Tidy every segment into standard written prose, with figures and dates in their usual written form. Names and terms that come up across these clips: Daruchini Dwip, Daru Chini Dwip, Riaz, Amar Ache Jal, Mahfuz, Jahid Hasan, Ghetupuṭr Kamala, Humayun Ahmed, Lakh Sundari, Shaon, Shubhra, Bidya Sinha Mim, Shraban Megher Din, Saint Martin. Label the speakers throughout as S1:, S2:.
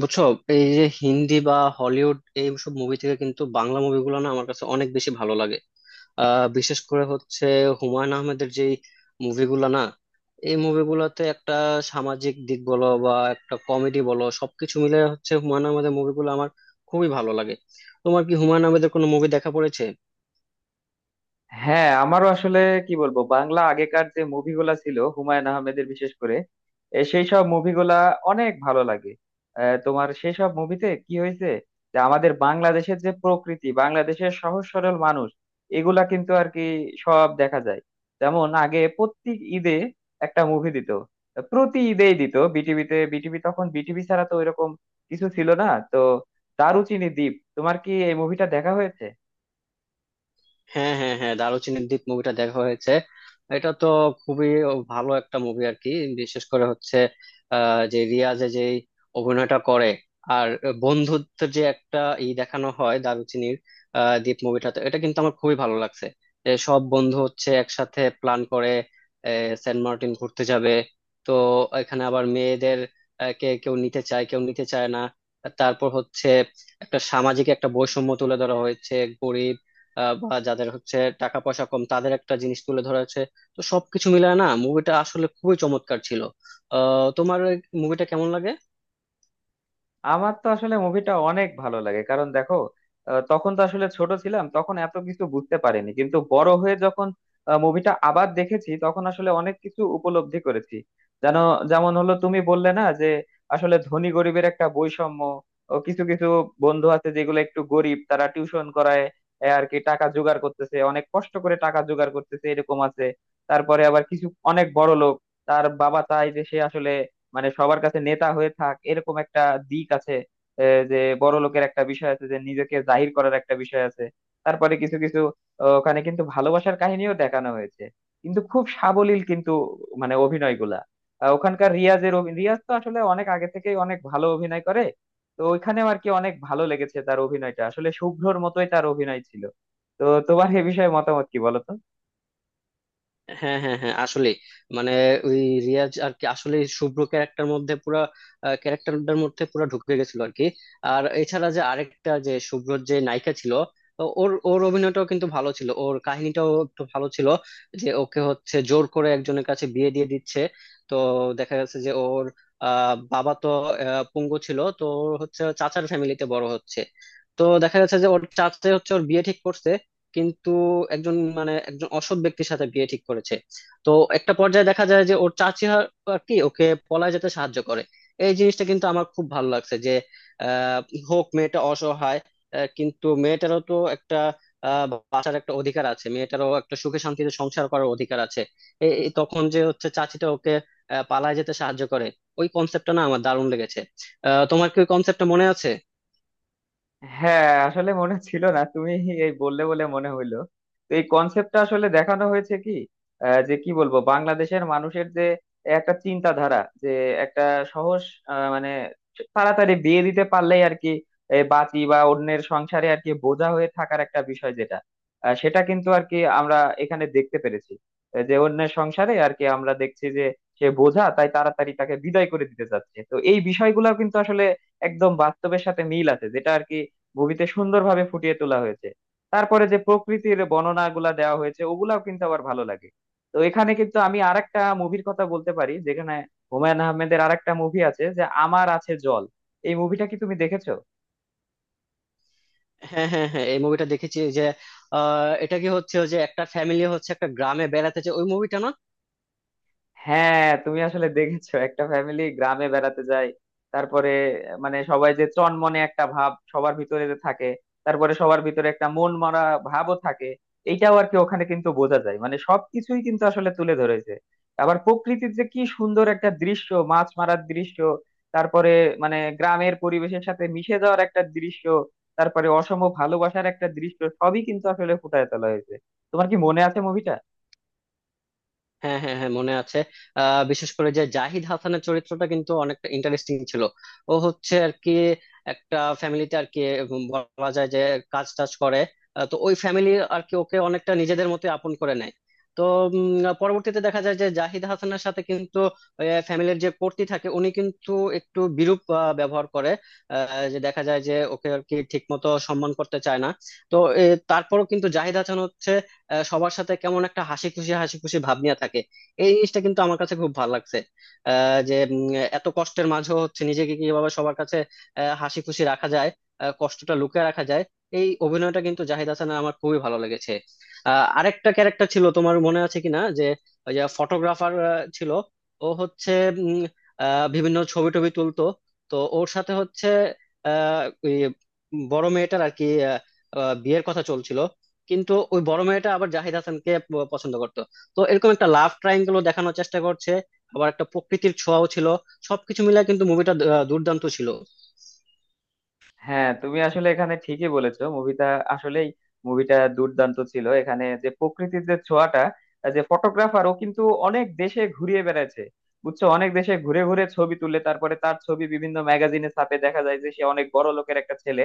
S1: বুঝছো? এই যে হিন্দি বা হলিউড এইসব মুভি থেকে কিন্তু বাংলা মুভিগুলো না আমার কাছে অনেক বেশি ভালো লাগে। বিশেষ করে হচ্ছে হুমায়ুন আহমেদের যে মুভিগুলো না, এই মুভিগুলোতে একটা সামাজিক দিক বলো বা একটা কমেডি বলো, সবকিছু মিলে হচ্ছে হুমায়ুন আহমেদের মুভিগুলো আমার খুবই ভালো লাগে। তোমার কি হুমায়ুন আহমেদের কোনো মুভি দেখা পড়েছে?
S2: হ্যাঁ, আমারও আসলে কি বলবো, বাংলা আগেকার যে মুভিগুলা ছিল হুমায়ুন আহমেদের, বিশেষ করে সেই সব মুভিগুলা অনেক ভালো লাগে। তোমার সেই সব মুভিতে কি হয়েছে যে আমাদের বাংলাদেশের যে প্রকৃতি, বাংলাদেশের সহজ সরল মানুষ, এগুলা কিন্তু আর কি সব দেখা যায়। যেমন আগে প্রত্যেক ঈদে একটা মুভি দিত, প্রতি ঈদেই দিত বিটিভিতে। বিটিভি তখন, বিটিভি ছাড়া তো ওইরকম কিছু ছিল না। তো দারুচিনি দ্বীপ, তোমার কি এই মুভিটা দেখা হয়েছে?
S1: হ্যাঁ, হ্যাঁ, হ্যাঁ, দারুচিনির দ্বীপ মুভিটা দেখা হয়েছে। এটা তো খুবই ভালো একটা মুভি আর কি। বিশেষ করে হচ্ছে যে রিয়াজে যে অভিনয়টা করে। আর বন্ধুত্বের যে একটা ই দেখানো হয় দারুচিনির দ্বীপ মুভিটাতে, এটা কিন্তু আমার খুবই ভালো লাগছে। যে সব বন্ধু হচ্ছে একসাথে প্ল্যান করে সেন্ট মার্টিন ঘুরতে যাবে। তো এখানে আবার মেয়েদের কে কেউ নিতে চায় কেউ নিতে চায় না। তারপর হচ্ছে একটা সামাজিক একটা বৈষম্য তুলে ধরা হয়েছে। গরিব বা যাদের হচ্ছে টাকা পয়সা কম তাদের একটা জিনিস তুলে ধরা হয়েছে। তো সবকিছু মিলায় না, মুভিটা আসলে খুবই চমৎকার ছিল। তোমার মুভিটা কেমন লাগে?
S2: আমার তো আসলে মুভিটা অনেক ভালো লাগে, কারণ দেখো, তখন তো আসলে ছোট ছিলাম, তখন এত কিছু বুঝতে পারিনি, কিন্তু বড় হয়ে যখন মুভিটা আবার দেখেছি, তখন আসলে অনেক কিছু উপলব্ধি করেছি, জানো। যেমন হলো, তুমি বললে না যে আসলে ধনী গরিবের একটা বৈষম্য, ও কিছু কিছু বন্ধু আছে যেগুলো একটু গরিব, তারা টিউশন করায়, এ আর কি টাকা জোগাড় করতেছে, অনেক কষ্ট করে টাকা জোগাড় করতেছে, এরকম আছে। তারপরে আবার কিছু অনেক বড় লোক, তার বাবা চায় যে সে আসলে, মানে সবার কাছে নেতা হয়ে থাক, এরকম একটা দিক আছে। যে বড় লোকের একটা বিষয় আছে, যে নিজেকে জাহির করার একটা বিষয় আছে। তারপরে কিছু কিছু, ওখানে কিন্তু ভালোবাসার কাহিনীও দেখানো হয়েছে, কিন্তু খুব সাবলীল, কিন্তু মানে অভিনয়গুলা, ওখানকার রিয়াজের রিয়াজ তো আসলে অনেক আগে থেকেই অনেক ভালো অভিনয় করে, তো ওইখানেও আর কি অনেক ভালো লেগেছে। তার অভিনয়টা আসলে শুভ্রর মতোই তার অভিনয় ছিল। তো তোমার এ বিষয়ে মতামত কি, বলো তো?
S1: হ্যাঁ, হ্যাঁ, হ্যাঁ, আসলে মানে ওই রিয়াজ আর কি আসলে শুভ্র ক্যারেক্টার মধ্যে পুরা ক্যারেক্টারটার মধ্যে পুরা ঢুকে গেছিল আর কি। আর এছাড়া যে আরেকটা যে শুভ্রর যে নায়িকা ছিল, তো ওর ওর অভিনয়টাও কিন্তু ভালো ছিল, ওর কাহিনীটাও একটু ভালো ছিল। যে ওকে হচ্ছে জোর করে একজনের কাছে বিয়ে দিয়ে দিচ্ছে। তো দেখা গেছে যে ওর বাবা তো পঙ্গু ছিল, তো ওর হচ্ছে চাচার ফ্যামিলিতে বড় হচ্ছে। তো দেখা যাচ্ছে যে ওর চাচা হচ্ছে ওর বিয়ে ঠিক করছে, কিন্তু একজন মানে একজন অসৎ ব্যক্তির সাথে বিয়ে ঠিক করেছে। তো একটা পর্যায়ে দেখা যায় যে ওর চাচি আর আর কি ওকে পলায় যেতে সাহায্য করে। এই জিনিসটা কিন্তু আমার খুব ভালো লাগছে যে আহ হোক মেয়েটা অসহায়, কিন্তু মেয়েটারও তো একটা আহ বাঁচার একটা অধিকার আছে, মেয়েটারও একটা সুখে শান্তিতে সংসার করার অধিকার আছে। এই এই তখন যে হচ্ছে চাচিটা ওকে পালায় যেতে সাহায্য করে। ওই কনসেপ্টটা না আমার দারুণ লেগেছে। তোমার কি ওই কনসেপ্টটা মনে আছে?
S2: হ্যাঁ, আসলে মনে ছিল না, তুমি এই বললে বলে মনে হইলো। তো এই কনসেপ্টটা আসলে দেখানো হয়েছে কি, যে কি বলবো, বাংলাদেশের মানুষের যে একটা চিন্তাধারা, যে একটা সহজ, মানে তাড়াতাড়ি বিয়ে দিতে পারলেই আর কি এই বাঁচি, বা অন্যের সংসারে আর কি বোঝা হয়ে থাকার একটা বিষয় যেটা, সেটা কিন্তু আর কি আমরা এখানে দেখতে পেরেছি। যে অন্যের সংসারে আর কি আমরা দেখছি যে সে বোঝা, তাই তাড়াতাড়ি তাকে বিদায় করে দিতে চাচ্ছে। তো এই বিষয়গুলো কিন্তু আসলে একদম বাস্তবের সাথে মিল আছে, যেটা আর কি মুভিতে সুন্দরভাবে ফুটিয়ে তোলা হয়েছে। তারপরে যে প্রকৃতির বর্ণনাগুলা দেওয়া হয়েছে, ওগুলাও কিন্তু আবার ভালো লাগে। তো এখানে কিন্তু আমি আরেকটা মুভির কথা বলতে পারি, যেখানে হুমায়ুন আহমেদের আরেকটা মুভি আছে, যে আমার আছে জল, এই মুভিটা কি তুমি দেখেছো?
S1: হ্যাঁ, হ্যাঁ, হ্যাঁ, এই মুভিটা দেখেছি ওই যে এটা কি হচ্ছে ওই যে একটা ফ্যামিলি হচ্ছে একটা গ্রামে বেড়াতে যায় ওই মুভিটা না?
S2: হ্যাঁ, তুমি আসলে দেখেছো একটা ফ্যামিলি গ্রামে বেড়াতে যায়। তারপরে মানে সবাই যে চনমনে একটা ভাব সবার ভিতরে যে থাকে, তারপরে সবার ভিতরে একটা মন মারা ভাবও থাকে, এইটাও আর কি ওখানে কিন্তু বোঝা যায়, মানে সবকিছুই কিন্তু আসলে তুলে ধরেছে। আবার প্রকৃতির যে কি সুন্দর একটা দৃশ্য, মাছ মারার দৃশ্য, তারপরে মানে গ্রামের পরিবেশের সাথে মিশে যাওয়ার একটা দৃশ্য, তারপরে অসম ভালোবাসার একটা দৃশ্য, সবই কিন্তু আসলে ফুটায় তোলা হয়েছে। তোমার কি মনে আছে মুভিটা?
S1: হ্যাঁ, হ্যাঁ, হ্যাঁ, মনে আছে। বিশেষ করে যে জাহিদ হাসানের চরিত্রটা কিন্তু অনেকটা ইন্টারেস্টিং ছিল। ও হচ্ছে আর কি একটা ফ্যামিলিতে আর কি বলা যায় যে কাজ টাজ করে। তো ওই ফ্যামিলি আর কি ওকে অনেকটা নিজেদের মতো আপন করে নেয়। তো পরবর্তীতে দেখা যায় যে জাহিদ হাসানের সাথে কিন্তু ফ্যামিলির যে কর্তি থাকে উনি কিন্তু একটু বিরূপ ব্যবহার করে। যে দেখা যায় যে ওকে আর কি ঠিক মতো সম্মান করতে চায় না। তো এ, তারপরও কিন্তু জাহিদ হাসান হচ্ছে সবার সাথে কেমন একটা হাসি খুশি ভাব নিয়ে থাকে। এই জিনিসটা কিন্তু আমার কাছে খুব ভালো লাগছে যে এত কষ্টের মাঝেও হচ্ছে নিজেকে কিভাবে সবার কাছে হাসি খুশি রাখা যায়, কষ্টটা লুকিয়ে রাখা যায়। এই অভিনয়টা কিন্তু জাহিদ হাসানের আমার খুবই ভালো লেগেছে। আরেকটা ক্যারেক্টার ছিল তোমার মনে আছে কিনা, যে ওই যে ফটোগ্রাফার ছিল। ও হচ্ছে উম, বিভিন্ন ছবি টবি তুলতো। তো ওর সাথে হচ্ছে ওই বড় মেয়েটার আর কি আহ, আহ, বিয়ের কথা চলছিল। কিন্তু ওই বড় মেয়েটা আবার জাহিদ হাসানকে পছন্দ করতো। তো এরকম একটা লাভ ট্রায়াঙ্গেল দেখানোর চেষ্টা করছে। আবার একটা প্রকৃতির ছোঁয়াও ছিল। সবকিছু মিলে কিন্তু মুভিটা দুর্দান্ত ছিল।
S2: হ্যাঁ, তুমি আসলে এখানে ঠিকই বলেছো, মুভিটা আসলেই মুভিটা দুর্দান্ত ছিল। এখানে যে প্রকৃতির যে ছোঁয়াটা, যে ফটোগ্রাফার ও কিন্তু অনেক দেশে ঘুরিয়ে বেড়াচ্ছে, বুঝছো, অনেক দেশে ঘুরে ঘুরে ছবি তুলে, তারপরে তার ছবি বিভিন্ন ম্যাগাজিনে ছাপে, দেখা যায় যে সে অনেক বড় লোকের একটা ছেলে।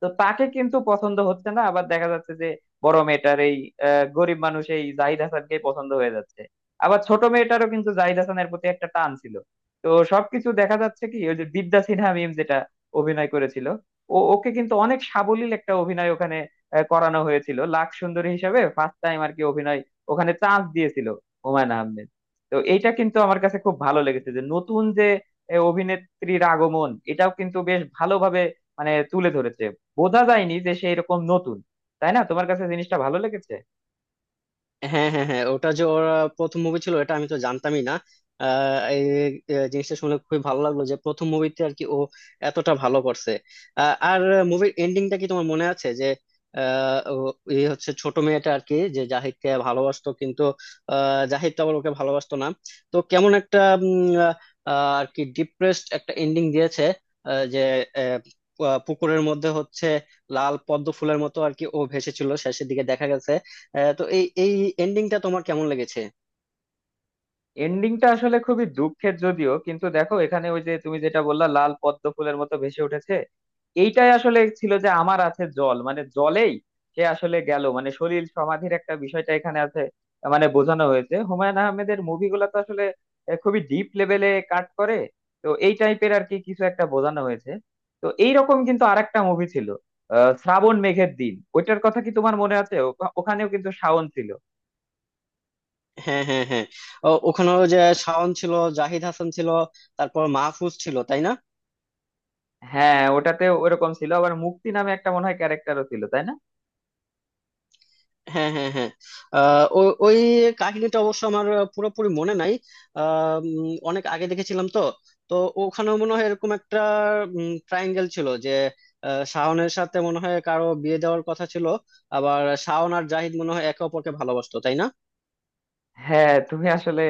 S2: তো তাকে কিন্তু পছন্দ হচ্ছে না, আবার দেখা যাচ্ছে যে বড় মেয়েটার এই, গরিব মানুষ, এই জাহিদ হাসানকে পছন্দ হয়ে যাচ্ছে। আবার ছোট মেয়েটারও কিন্তু জাহিদ হাসানের প্রতি একটা টান ছিল। তো সবকিছু দেখা যাচ্ছে কি, ওই যে বিদ্যা সিনহা মিম যেটা অভিনয় করেছিল, ও ওকে কিন্তু অনেক সাবলীল একটা অভিনয় ওখানে করানো হয়েছিল, লাখ সুন্দরী হিসাবে ফার্স্ট টাইম আর কি অভিনয় ওখানে চান্স দিয়েছিল হুমায়ুন আহমেদ। তো এইটা কিন্তু আমার কাছে খুব ভালো লেগেছে যে নতুন যে অভিনেত্রীর আগমন, এটাও কিন্তু বেশ ভালোভাবে মানে তুলে ধরেছে, বোঝা যায়নি যে সেই রকম নতুন, তাই না? তোমার কাছে জিনিসটা ভালো লেগেছে।
S1: হ্যাঁ, হ্যাঁ, হ্যাঁ, ওটা যে ওরা প্রথম মুভি ছিল এটা আমি তো জানতামই না। এই জিনিসটা শুনে খুবই ভালো লাগলো যে প্রথম মুভিতে আর কি ও এতটা ভালো করছে। আর মুভির এন্ডিংটা কি তোমার মনে আছে, যে এই হচ্ছে ছোট মেয়েটা আর কি যে জাহিদকে ভালোবাসতো কিন্তু জাহিদ তো আবার ওকে ভালোবাসতো না। তো কেমন একটা উম, আহ, আর কি ডিপ্রেসড একটা এন্ডিং দিয়েছে। আহ, যে আহ, পুকুরের মধ্যে হচ্ছে লাল পদ্ম ফুলের মতো আর কি ও ভেসেছিল শেষের দিকে দেখা গেছে। হ্যাঁ, তো এই এই এন্ডিংটা তোমার কেমন লেগেছে?
S2: এন্ডিংটা আসলে খুবই দুঃখের, যদিও কিন্তু দেখো, এখানে ওই যে তুমি যেটা বললা লাল পদ্ম ফুলের মতো ভেসে উঠেছে, এইটাই আসলে ছিল যে আমার আছে জল, মানে জলেই সে আসলে গেল, মানে সলিল সমাধির একটা বিষয়টা এখানে আছে, মানে বোঝানো হয়েছে। হুমায়ুন আহমেদের মুভিগুলো তো আসলে খুবই ডিপ লেভেলে কাট করে, তো এই টাইপের আর কি কিছু একটা বোঝানো হয়েছে। তো এইরকম কিন্তু আরেকটা মুভি ছিল, শ্রাবণ মেঘের দিন, ওইটার কথা কি তোমার মনে আছে? ওখানেও কিন্তু শাওন ছিল।
S1: হ্যাঁ, হ্যাঁ, হ্যাঁ, ও, ওখানেও যে শাওন ছিল, জাহিদ হাসান ছিল, তারপর মাহফুজ ছিল, তাই না?
S2: হ্যাঁ, ওটাতে ওরকম ছিল, আবার মুক্তি নামে একটা মনে হয় ক্যারেক্টারও ছিল, তাই না?
S1: হ্যাঁ, হ্যাঁ, হ্যাঁ, ওই কাহিনীটা অবশ্য আমার পুরোপুরি মনে নাই। অনেক আগে দেখেছিলাম তো। তো ওখানেও মনে হয় এরকম একটা ট্রায়াঙ্গেল ছিল, যে শাওনের সাথে মনে হয় কারো বিয়ে দেওয়ার কথা ছিল। আবার শাওন আর জাহিদ মনে হয় একে অপরকে ভালোবাসতো, তাই না?
S2: হ্যাঁ, তুমি আসলে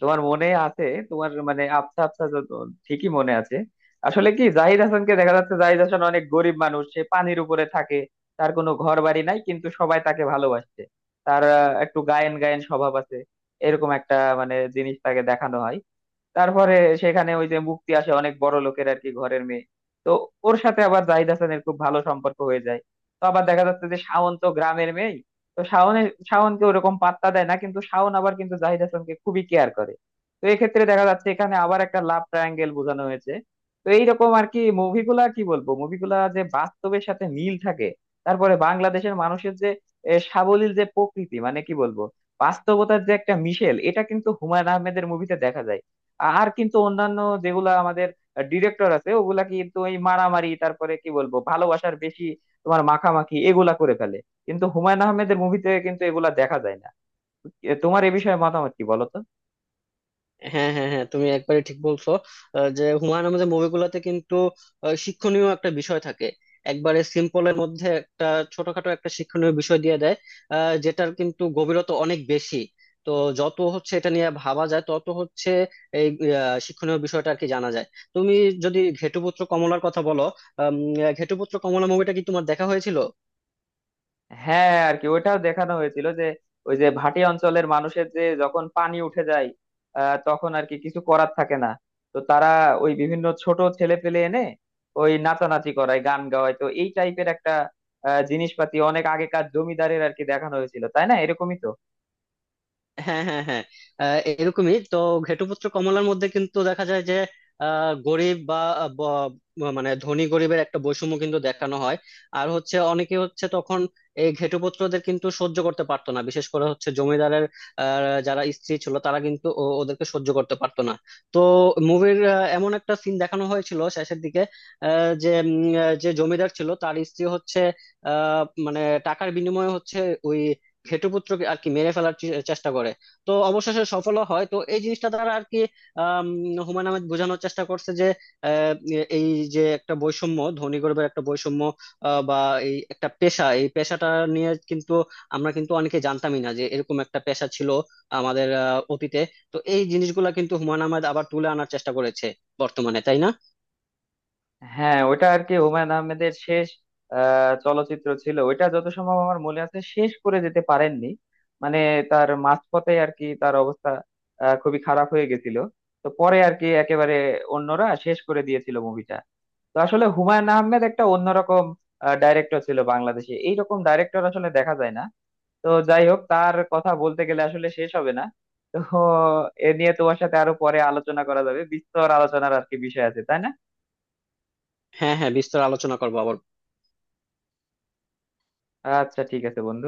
S2: তোমার মনে আছে, তোমার মানে আবছা আবছা যত ঠিকই মনে আছে। আসলে কি, জাহিদ হাসানকে দেখা যাচ্ছে, জাহিদ হাসান অনেক গরিব মানুষ, সে পানির উপরে থাকে, তার কোনো ঘর বাড়ি নাই, কিন্তু সবাই তাকে ভালোবাসছে। তার একটু গায়েন গায়েন স্বভাব আছে, এরকম একটা মানে জিনিস তাকে দেখানো হয়। তারপরে সেখানে ওই যে মুক্তি আসে, অনেক বড় লোকের আর কি ঘরের মেয়ে, তো ওর সাথে আবার জাহিদ হাসানের খুব ভালো সম্পর্ক হয়ে যায়। তো আবার দেখা যাচ্ছে যে শাওন তো গ্রামের মেয়ে, তো শাওনকে ওরকম পাত্তা দেয় না, কিন্তু শাওন আবার কিন্তু জাহিদ হাসানকে খুবই কেয়ার করে। তো এক্ষেত্রে দেখা যাচ্ছে, এখানে আবার একটা লাভ ট্রায়াঙ্গেল বোঝানো হয়েছে। তো এইরকম আর কি মুভিগুলা, কি বলবো, মুভিগুলা যে বাস্তবের সাথে মিল থাকে, তারপরে বাংলাদেশের মানুষের যে সাবলীল যে প্রকৃতি, মানে কি বলবো, বাস্তবতার যে একটা মিশেল, এটা কিন্তু হুমায়ুন আহমেদের মুভিতে দেখা যায়। আর কিন্তু অন্যান্য যেগুলা আমাদের ডিরেক্টর আছে, ওগুলা কিন্তু এই মারামারি, তারপরে কি বলবো, ভালোবাসার বেশি তোমার মাখামাখি, এগুলা করে ফেলে। কিন্তু হুমায়ুন আহমেদের মুভিতে কিন্তু এগুলা দেখা যায় না। এ তোমার এ বিষয়ে মতামত কি, বলো তো।
S1: হ্যাঁ, হ্যাঁ, হ্যাঁ, তুমি একবারে ঠিক বলছো। যে হুমায়ুন আহমেদের মুভিগুলোতে কিন্তু শিক্ষণীয় একটা বিষয় থাকে। একবারে সিম্পলের মধ্যে একটা ছোটখাটো একটা শিক্ষণীয় বিষয় দিয়ে দেয় যেটার কিন্তু গভীরতা অনেক বেশি। তো যত হচ্ছে এটা নিয়ে ভাবা যায় তত হচ্ছে এই শিক্ষণীয় বিষয়টা আর কি জানা যায়। তুমি যদি ঘেটুপুত্র কমলার কথা বলো, আম, ঘেটুপুত্র কমলা মুভিটা কি তোমার দেখা হয়েছিল?
S2: হ্যাঁ আর কি, ওইটাও দেখানো হয়েছিল যে ওই যে ভাটি অঞ্চলের মানুষের যে যখন পানি উঠে যায়, তখন আর কি কিছু করার থাকে না। তো তারা ওই বিভিন্ন ছোট ছেলে পেলে এনে ওই নাচানাচি করায়, গান গাওয়ায়, তো এই টাইপের একটা জিনিসপাতি অনেক আগেকার জমিদারের আর কি দেখানো হয়েছিল, তাই না, এরকমই তো।
S1: হ্যাঁ, হ্যাঁ, হ্যাঁ, এরকমই তো। ঘেটুপুত্র কমলার মধ্যে কিন্তু দেখা যায় যে গরিব বা মানে ধনী গরিবের একটা বৈষম্য কিন্তু দেখানো হয়। আর হচ্ছে অনেকে হচ্ছে তখন এই ঘেটুপুত্রদের কিন্তু সহ্য করতে পারতো না, বিশেষ করে হচ্ছে জমিদারের যারা স্ত্রী ছিল তারা কিন্তু ওদেরকে সহ্য করতে পারতো না। তো মুভির এমন একটা সিন দেখানো হয়েছিল শেষের দিকে, আহ, যে উম, আহ, যে জমিদার ছিল তার স্ত্রী হচ্ছে মানে টাকার বিনিময়ে হচ্ছে ওই ঘেটুপুত্রকে আর কি মেরে ফেলার চেষ্টা করে। তো অবশেষে সফল হয়। তো এই জিনিসটা দ্বারা আর কি আম, হুমায়ুন আহমেদ বোঝানোর চেষ্টা করছে যে আহ, এই যে একটা বৈষম্য, ধনী গরিবের একটা বৈষম্য, বা এই একটা পেশা, এই পেশাটা নিয়ে কিন্তু আমরা কিন্তু অনেকে জানতামই না যে এরকম একটা পেশা ছিল আমাদের অতীতে। তো এই জিনিসগুলা কিন্তু হুমায়ুন আহমেদ আবার তুলে আনার চেষ্টা করেছে বর্তমানে, তাই না?
S2: হ্যাঁ ওটা আর কি হুমায়ুন আহমেদের শেষ চলচ্চিত্র ছিল ওইটা, যত সম্ভব আমার মনে আছে শেষ করে যেতে পারেননি, মানে তার মাঝপথে আর কি তার অবস্থা খুবই খারাপ হয়ে গেছিল। তো পরে আর কি একেবারে অন্যরা শেষ করে দিয়েছিল মুভিটা। তো আসলে হুমায়ুন আহমেদ একটা অন্যরকম ডাইরেক্টর ছিল, বাংলাদেশে এইরকম ডাইরেক্টর আসলে দেখা যায় না। তো যাই হোক, তার কথা বলতে গেলে আসলে শেষ হবে না। তো এ নিয়ে তোমার সাথে আরো পরে আলোচনা করা যাবে, বিস্তর আলোচনার আর কি বিষয় আছে, তাই না?
S1: হ্যাঁ, হ্যাঁ, বিস্তর আলোচনা করবো আবার।
S2: আচ্ছা, ঠিক আছে বন্ধু।